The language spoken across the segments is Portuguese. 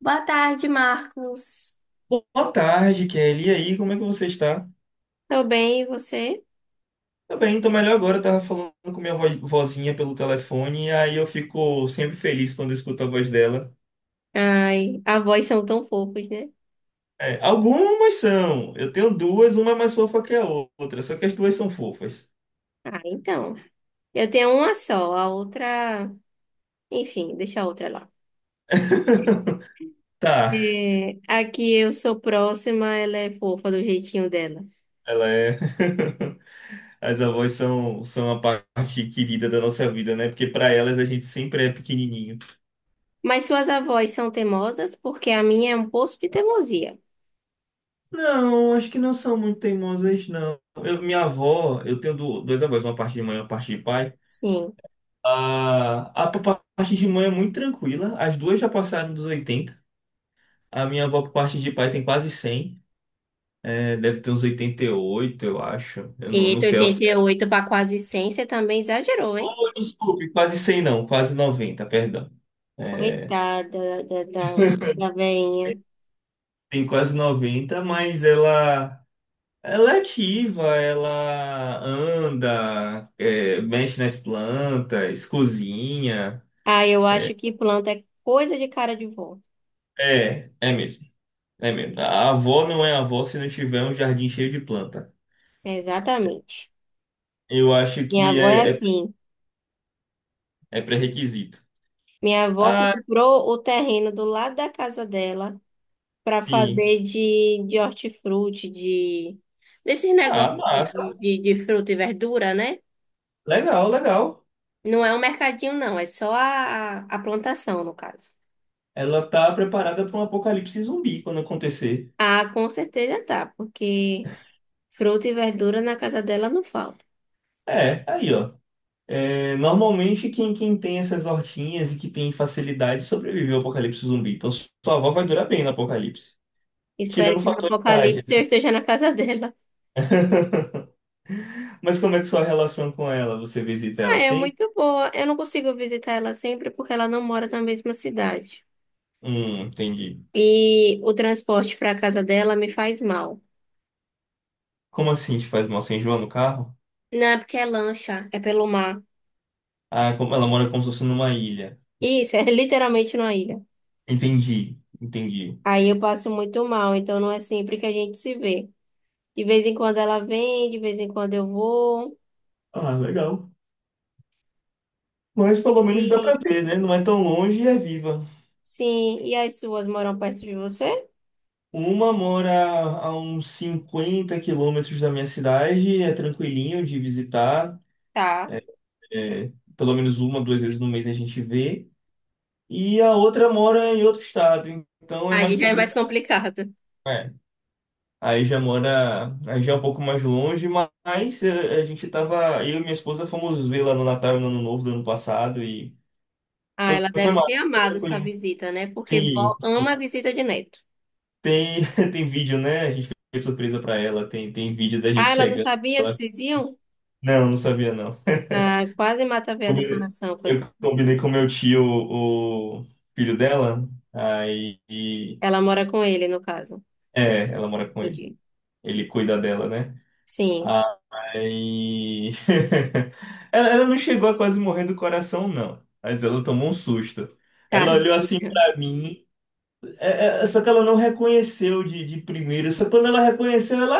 Boa tarde, Marcos. Boa tarde, Kelly. E aí, como é que você está? Tô bem, e você? Tá bem, tô melhor agora. Eu tava falando com minha vozinha pelo telefone, e aí eu fico sempre feliz quando eu escuto a voz dela. Ai, avós são tão fofos, né? É, algumas são. Eu tenho duas, uma é mais fofa que a outra, só que as duas são fofas. Ah, então. Eu tenho uma só, a outra. Enfim, deixa a outra lá. Tá, É, aqui eu sou próxima, ela é fofa do jeitinho dela. ela é. As avós são a parte querida da nossa vida, né? Porque pra elas a gente sempre é pequenininho. Mas suas avós são teimosas porque a minha é um poço de teimosia. Não, acho que não são muito teimosas, não. Minha avó, eu tenho duas avós, uma parte de mãe e uma parte de pai. Sim. A por parte de mãe é muito tranquila. As duas já passaram dos 80. A minha avó, por parte de pai, tem quase 100. É, deve ter uns 88, eu acho. Eu E não, não de sei oitenta ao e certo. oito para quase 100, você também exagerou, hein? Oh, desculpe, quase 100 não, quase 90, perdão. É, Coitada da veinha. tem quase 90, mas ela é ativa, ela anda, é, mexe nas plantas, cozinha. Ah, eu acho que planta é coisa de cara de vó. É, é mesmo. É mesmo. A avó não é avó se não tiver um jardim cheio de planta. Exatamente. Eu acho Minha que avó é assim. é pré-requisito. Minha avó Ah, comprou o terreno do lado da casa dela para sim. fazer de hortifruti, de desses Ah, negócios de, de, massa. de- de fruta e verdura, né? Legal, legal. Não é um mercadinho, não, é só a plantação, no caso. Ela tá preparada para um apocalipse zumbi quando acontecer. Ah, com certeza tá, porque fruta e verdura na casa dela não falta. É, aí, ó. É, normalmente, quem tem essas hortinhas e que tem facilidade sobrevive ao apocalipse zumbi. Então, sua avó vai durar bem no apocalipse. Espero Tirando o que no fator idade, apocalipse né? eu esteja na casa dela. Mas como é que sua relação com ela? Você visita ela Ah, é assim? muito boa. Eu não consigo visitar ela sempre porque ela não mora na mesma cidade. Entendi. E o transporte para casa dela me faz mal. Como assim te faz mal sem João no carro? Não, é porque é lancha, é pelo mar. Ah, como ela mora, como se fosse numa ilha. Isso, é literalmente numa ilha. Entendi, entendi. Aí eu passo muito mal, então não é sempre que a gente se vê. De vez em quando ela vem, de vez em quando eu vou. Ah, legal. Mas pelo menos dá pra E, ver, né? Não é tão longe e é viva. sim, e as suas moram perto de você? Uma mora a uns 50 quilômetros da minha cidade, é tranquilinho de visitar. Tá. É, pelo menos uma, duas vezes no mês a gente vê. E a outra mora em outro estado, então é Aí mais já é mais complicado. complicado. É. Aí já é um pouco mais longe, mas é, a gente tava, eu e minha esposa fomos ver lá no Natal e no Ano Novo do ano passado e Ah, foi, ela foi deve ter massa, foi amado sua tranquilo. visita, né? Porque Sim, vó ama a sim, visita de neto. Tem, tem vídeo, né? A gente fez surpresa pra ela. Tem, tem vídeo da Ah, gente ela não chegando. sabia que vocês iam? Não, não sabia, não. Ah, quase mata a veia do Combinei- coração, coitada. Eu combinei com meu tio, o filho dela. Aí. Ela mora com ele, no caso. É, ela mora com ele. Entendi. Ele cuida dela, né? Sim, Aí. Ela não chegou a quase morrer do coração, não. Mas ela tomou um susto. Ela olhou assim tadinha. pra mim. Só que ela não reconheceu de primeira. Só quando ela reconheceu, ela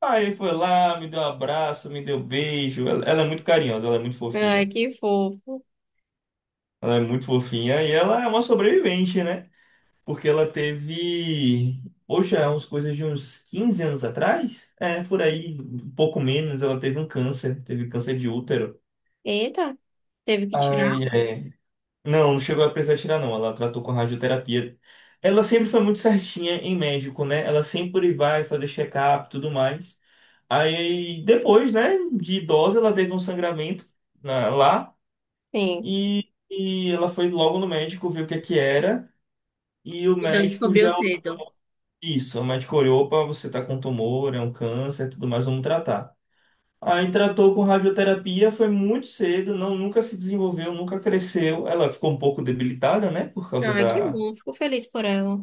aí foi lá, me deu um abraço, me deu um beijo. Ela é muito carinhosa, ela é muito Ai, fofinha. que fofo. Ela é muito fofinha e ela é uma sobrevivente, né? Porque ela teve, poxa, umas coisas de uns 15 anos atrás? É, por aí, um pouco menos, ela teve um câncer, teve câncer de útero. Eita, teve que tirar? Ai, é. Não, não chegou a precisar tirar, não. Ela tratou com radioterapia. Ela sempre foi muito certinha em médico, né? Ela sempre vai fazer check-up e tudo mais. Aí, depois, né, de idosa, ela teve um sangramento lá, Sim. E ela foi logo no médico, viu o que é que era. E o Então médico descobriu já olhou cedo. isso. O médico olhou: opa, você tá com tumor, é um câncer, tudo mais, vamos tratar. Aí tratou com radioterapia, foi muito cedo, não, nunca se desenvolveu, nunca cresceu. Ela ficou um pouco debilitada, né, por causa Ai, que da, bom, fico feliz por ela.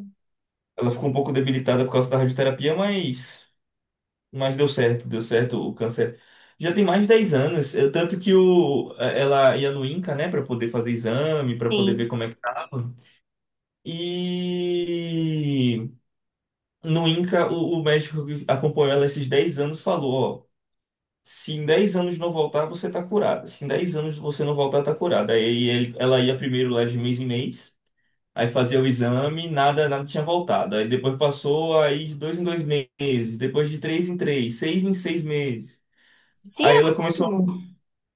ela ficou um pouco debilitada por causa da radioterapia, mas deu certo o câncer. Já tem mais de 10 anos, tanto que ela ia no INCA, né, para poder fazer exame, para poder ver Sim, como é que tava. E no INCA, o médico que acompanhou ela esses 10 anos falou: ó, se em 10 anos não voltar, você tá curada. Se em 10 anos você não voltar, tá curada. Ela ia primeiro lá de mês em mês. Aí fazia o exame, nada, nada tinha voltado. Aí depois passou, aí de dois em dois meses, depois de três em três, seis em seis meses. sim, Aí é ela começou. ótimo.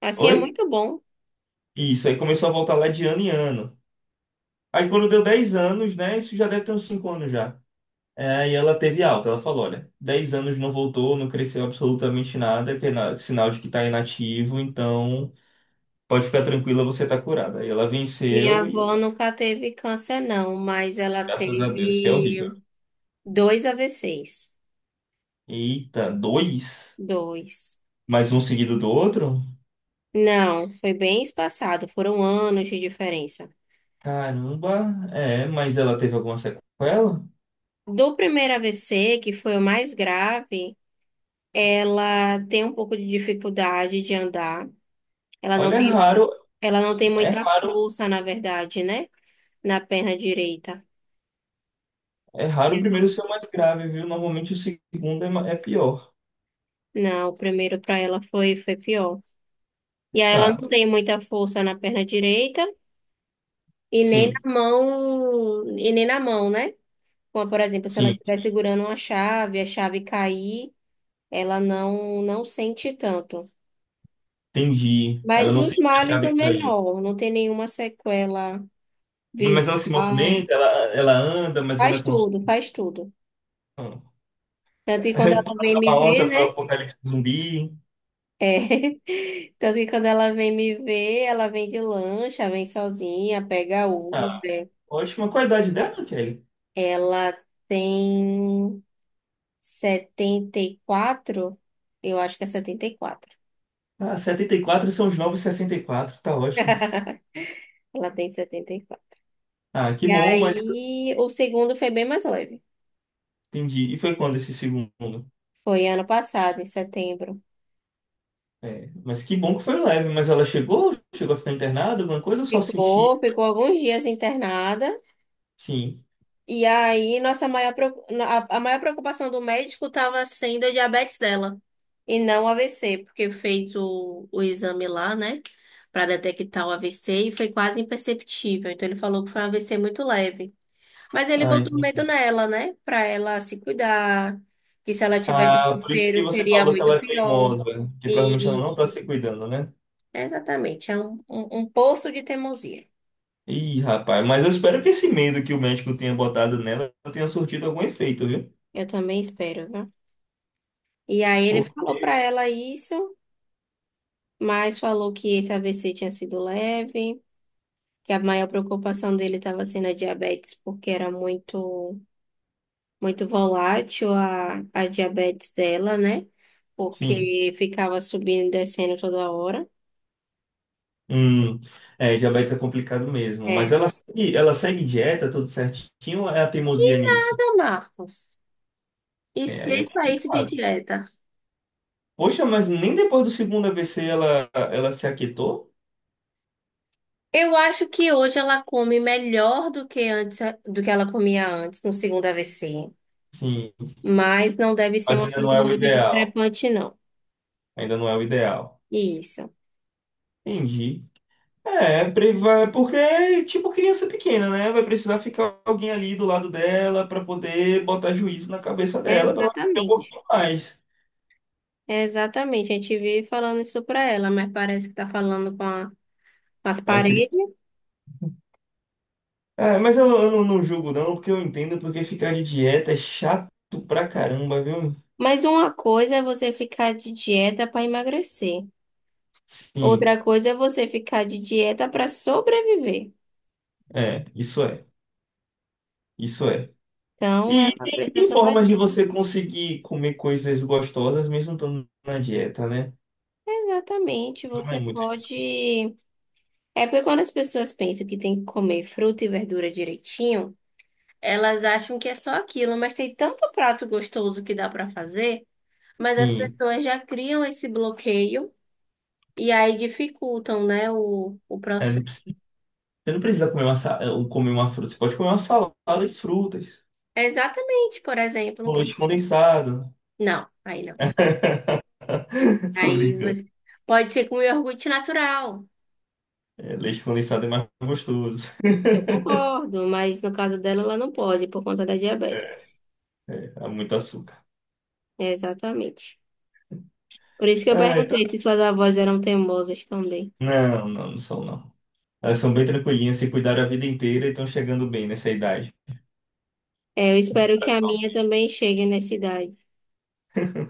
Assim é Oi? muito bom. Isso, aí começou a voltar lá de ano em ano. Aí quando deu 10 anos, né? Isso já deve ter uns 5 anos já. É, aí ela teve alta, ela falou: olha, 10 anos não voltou, não cresceu absolutamente nada, que é sinal de que tá inativo, então pode ficar tranquila, você tá curada. Aí ela Minha venceu e avó aí, nunca teve câncer, não, mas ela graças a Deus, que é teve horrível. dois AVCs. Eita, dois? Dois. Mais um seguido do outro? Não, foi bem espaçado, foram anos de diferença. Caramba, é, mas ela teve alguma sequela? Do primeiro AVC, que foi o mais grave, ela tem um pouco de dificuldade de andar. Ela não Olha, é tem, raro, ela não tem é muita raro, força, na verdade, né? Na perna direita. é raro o primeiro ser Uhum. o mais grave, viu? Normalmente o segundo é, é pior. Não, o primeiro para ela foi pior. E aí Tá, ela não tem muita força na perna direita e nem sim, na mão, né? Como, por exemplo, se ela sim, estiver segurando uma chave, a chave cair, ela não sente tanto. entendi. Ela Mas não dos sente que a males, chave o caiu. menor, não tem nenhuma sequela Mas ela se visual. movimenta, ela anda, mas anda Faz com... tudo, faz tudo. Tanto que Toda quando ela vem me uma horta ver, para o né? apocalipse zumbi. É. Tanto que quando ela vem me ver, ela vem de lancha, vem sozinha, pega Ah, Uber. ótimo, ótima qualidade dela, Kelly. Ela tem 74. Eu acho que é 74. Ah, 74 são os novos 64, tá ótimo. Ela tem setenta e quatro. Ah, que E bom, mas aí, o segundo foi bem mais leve. entendi. E foi quando esse segundo? Foi ano passado, em setembro. É, mas que bom que foi leve. Mas ela chegou? Chegou a ficar internada? Alguma coisa? Eu só senti. Ficou alguns dias internada. Sim. E aí, nossa maior, preo- a maior preocupação do médico estava sendo a diabetes dela e não o AVC, porque fez o exame lá, né, para detectar o AVC e foi quase imperceptível. Então, ele falou que foi um AVC muito leve. Mas ele Ah, botou medo entendi. nela, né, para ela se cuidar, que se ela tivesse Ah, por isso que terceiro você seria falou que muito ela é pior. teimosa. Que provavelmente ela E não tá se cuidando, né? exatamente, é um poço de teimosia. Ih, rapaz. Mas eu espero que esse medo que o médico tenha botado nela tenha surtido algum efeito, viu? Eu também espero, viu? E aí, ele falou Porque, para ela isso. Mas falou que esse AVC tinha sido leve, que a maior preocupação dele estava sendo a diabetes, porque era muito, muito volátil a diabetes dela, né? sim. Porque ficava subindo e descendo toda hora. Hum, é, diabetes é complicado mesmo. Mas É. ela, ela segue dieta, tudo certinho, ou é a Que teimosia nisso? nada, Marcos. E É, se aí é saísse de complicado. dieta? Poxa, mas nem depois do segundo AVC ela, ela se aquietou? Eu acho que hoje ela come melhor do que antes, do que ela comia antes, no segundo AVC. Sim. Mas não deve ser Mas uma ainda não coisa é o muito ideal. discrepante, não. Ainda não é o ideal. Isso, Entendi. É, porque é tipo criança pequena, né? Vai precisar ficar alguém ali do lado dela para poder botar juízo na cabeça dela para ela ter um exatamente. pouquinho mais. É, exatamente, a gente vive falando isso pra ela, mas parece que tá falando com, com as É, paredes. Mas eu não, não julgo não, porque eu entendo porque ficar de dieta é chato pra caramba, viu? Mas uma coisa é você ficar de dieta para emagrecer, Sim, outra coisa é você ficar de dieta para sobreviver. é, isso é, isso é. Então, E ela tem, precisa tem tomar formas de bem. você conseguir comer coisas gostosas mesmo estando na dieta, né? Exatamente, Não é você muito desculpa. pode. É porque quando as pessoas pensam que tem que comer fruta e verdura direitinho, elas acham que é só aquilo, mas tem tanto prato gostoso que dá para fazer, mas as Sim. pessoas já criam esse bloqueio. E aí dificultam, né, o É, processo. você não precisa comer uma, sa- eh, um, comer uma fruta, você pode comer uma salada de frutas, É, exatamente, por exemplo. com leite condensado. Não, aí não. Tô Aí brincando. você pode ser com iogurte natural. É, leite condensado é mais gostoso. Eu concordo, mas no caso dela, ela não pode, por conta da diabetes. É, há muito açúcar. Exatamente. Por isso que eu Ah, então... perguntei se suas avós eram teimosas também. Não, não, não são não. Elas são bem tranquilinhas, se cuidaram a vida inteira e estão chegando bem nessa idade. É, eu espero que a minha também chegue nessa idade.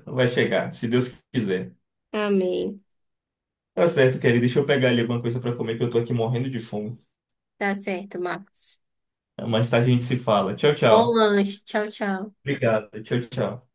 Vai chegar, se Deus quiser. Amém. Tá certo, querido. Deixa eu pegar ali alguma coisa pra comer que eu tô aqui morrendo de fome. Tá certo, Marcos. Mais tarde a gente se fala. Tchau, Bom tchau. lanche. Tchau, tchau. Obrigado. Tchau, tchau.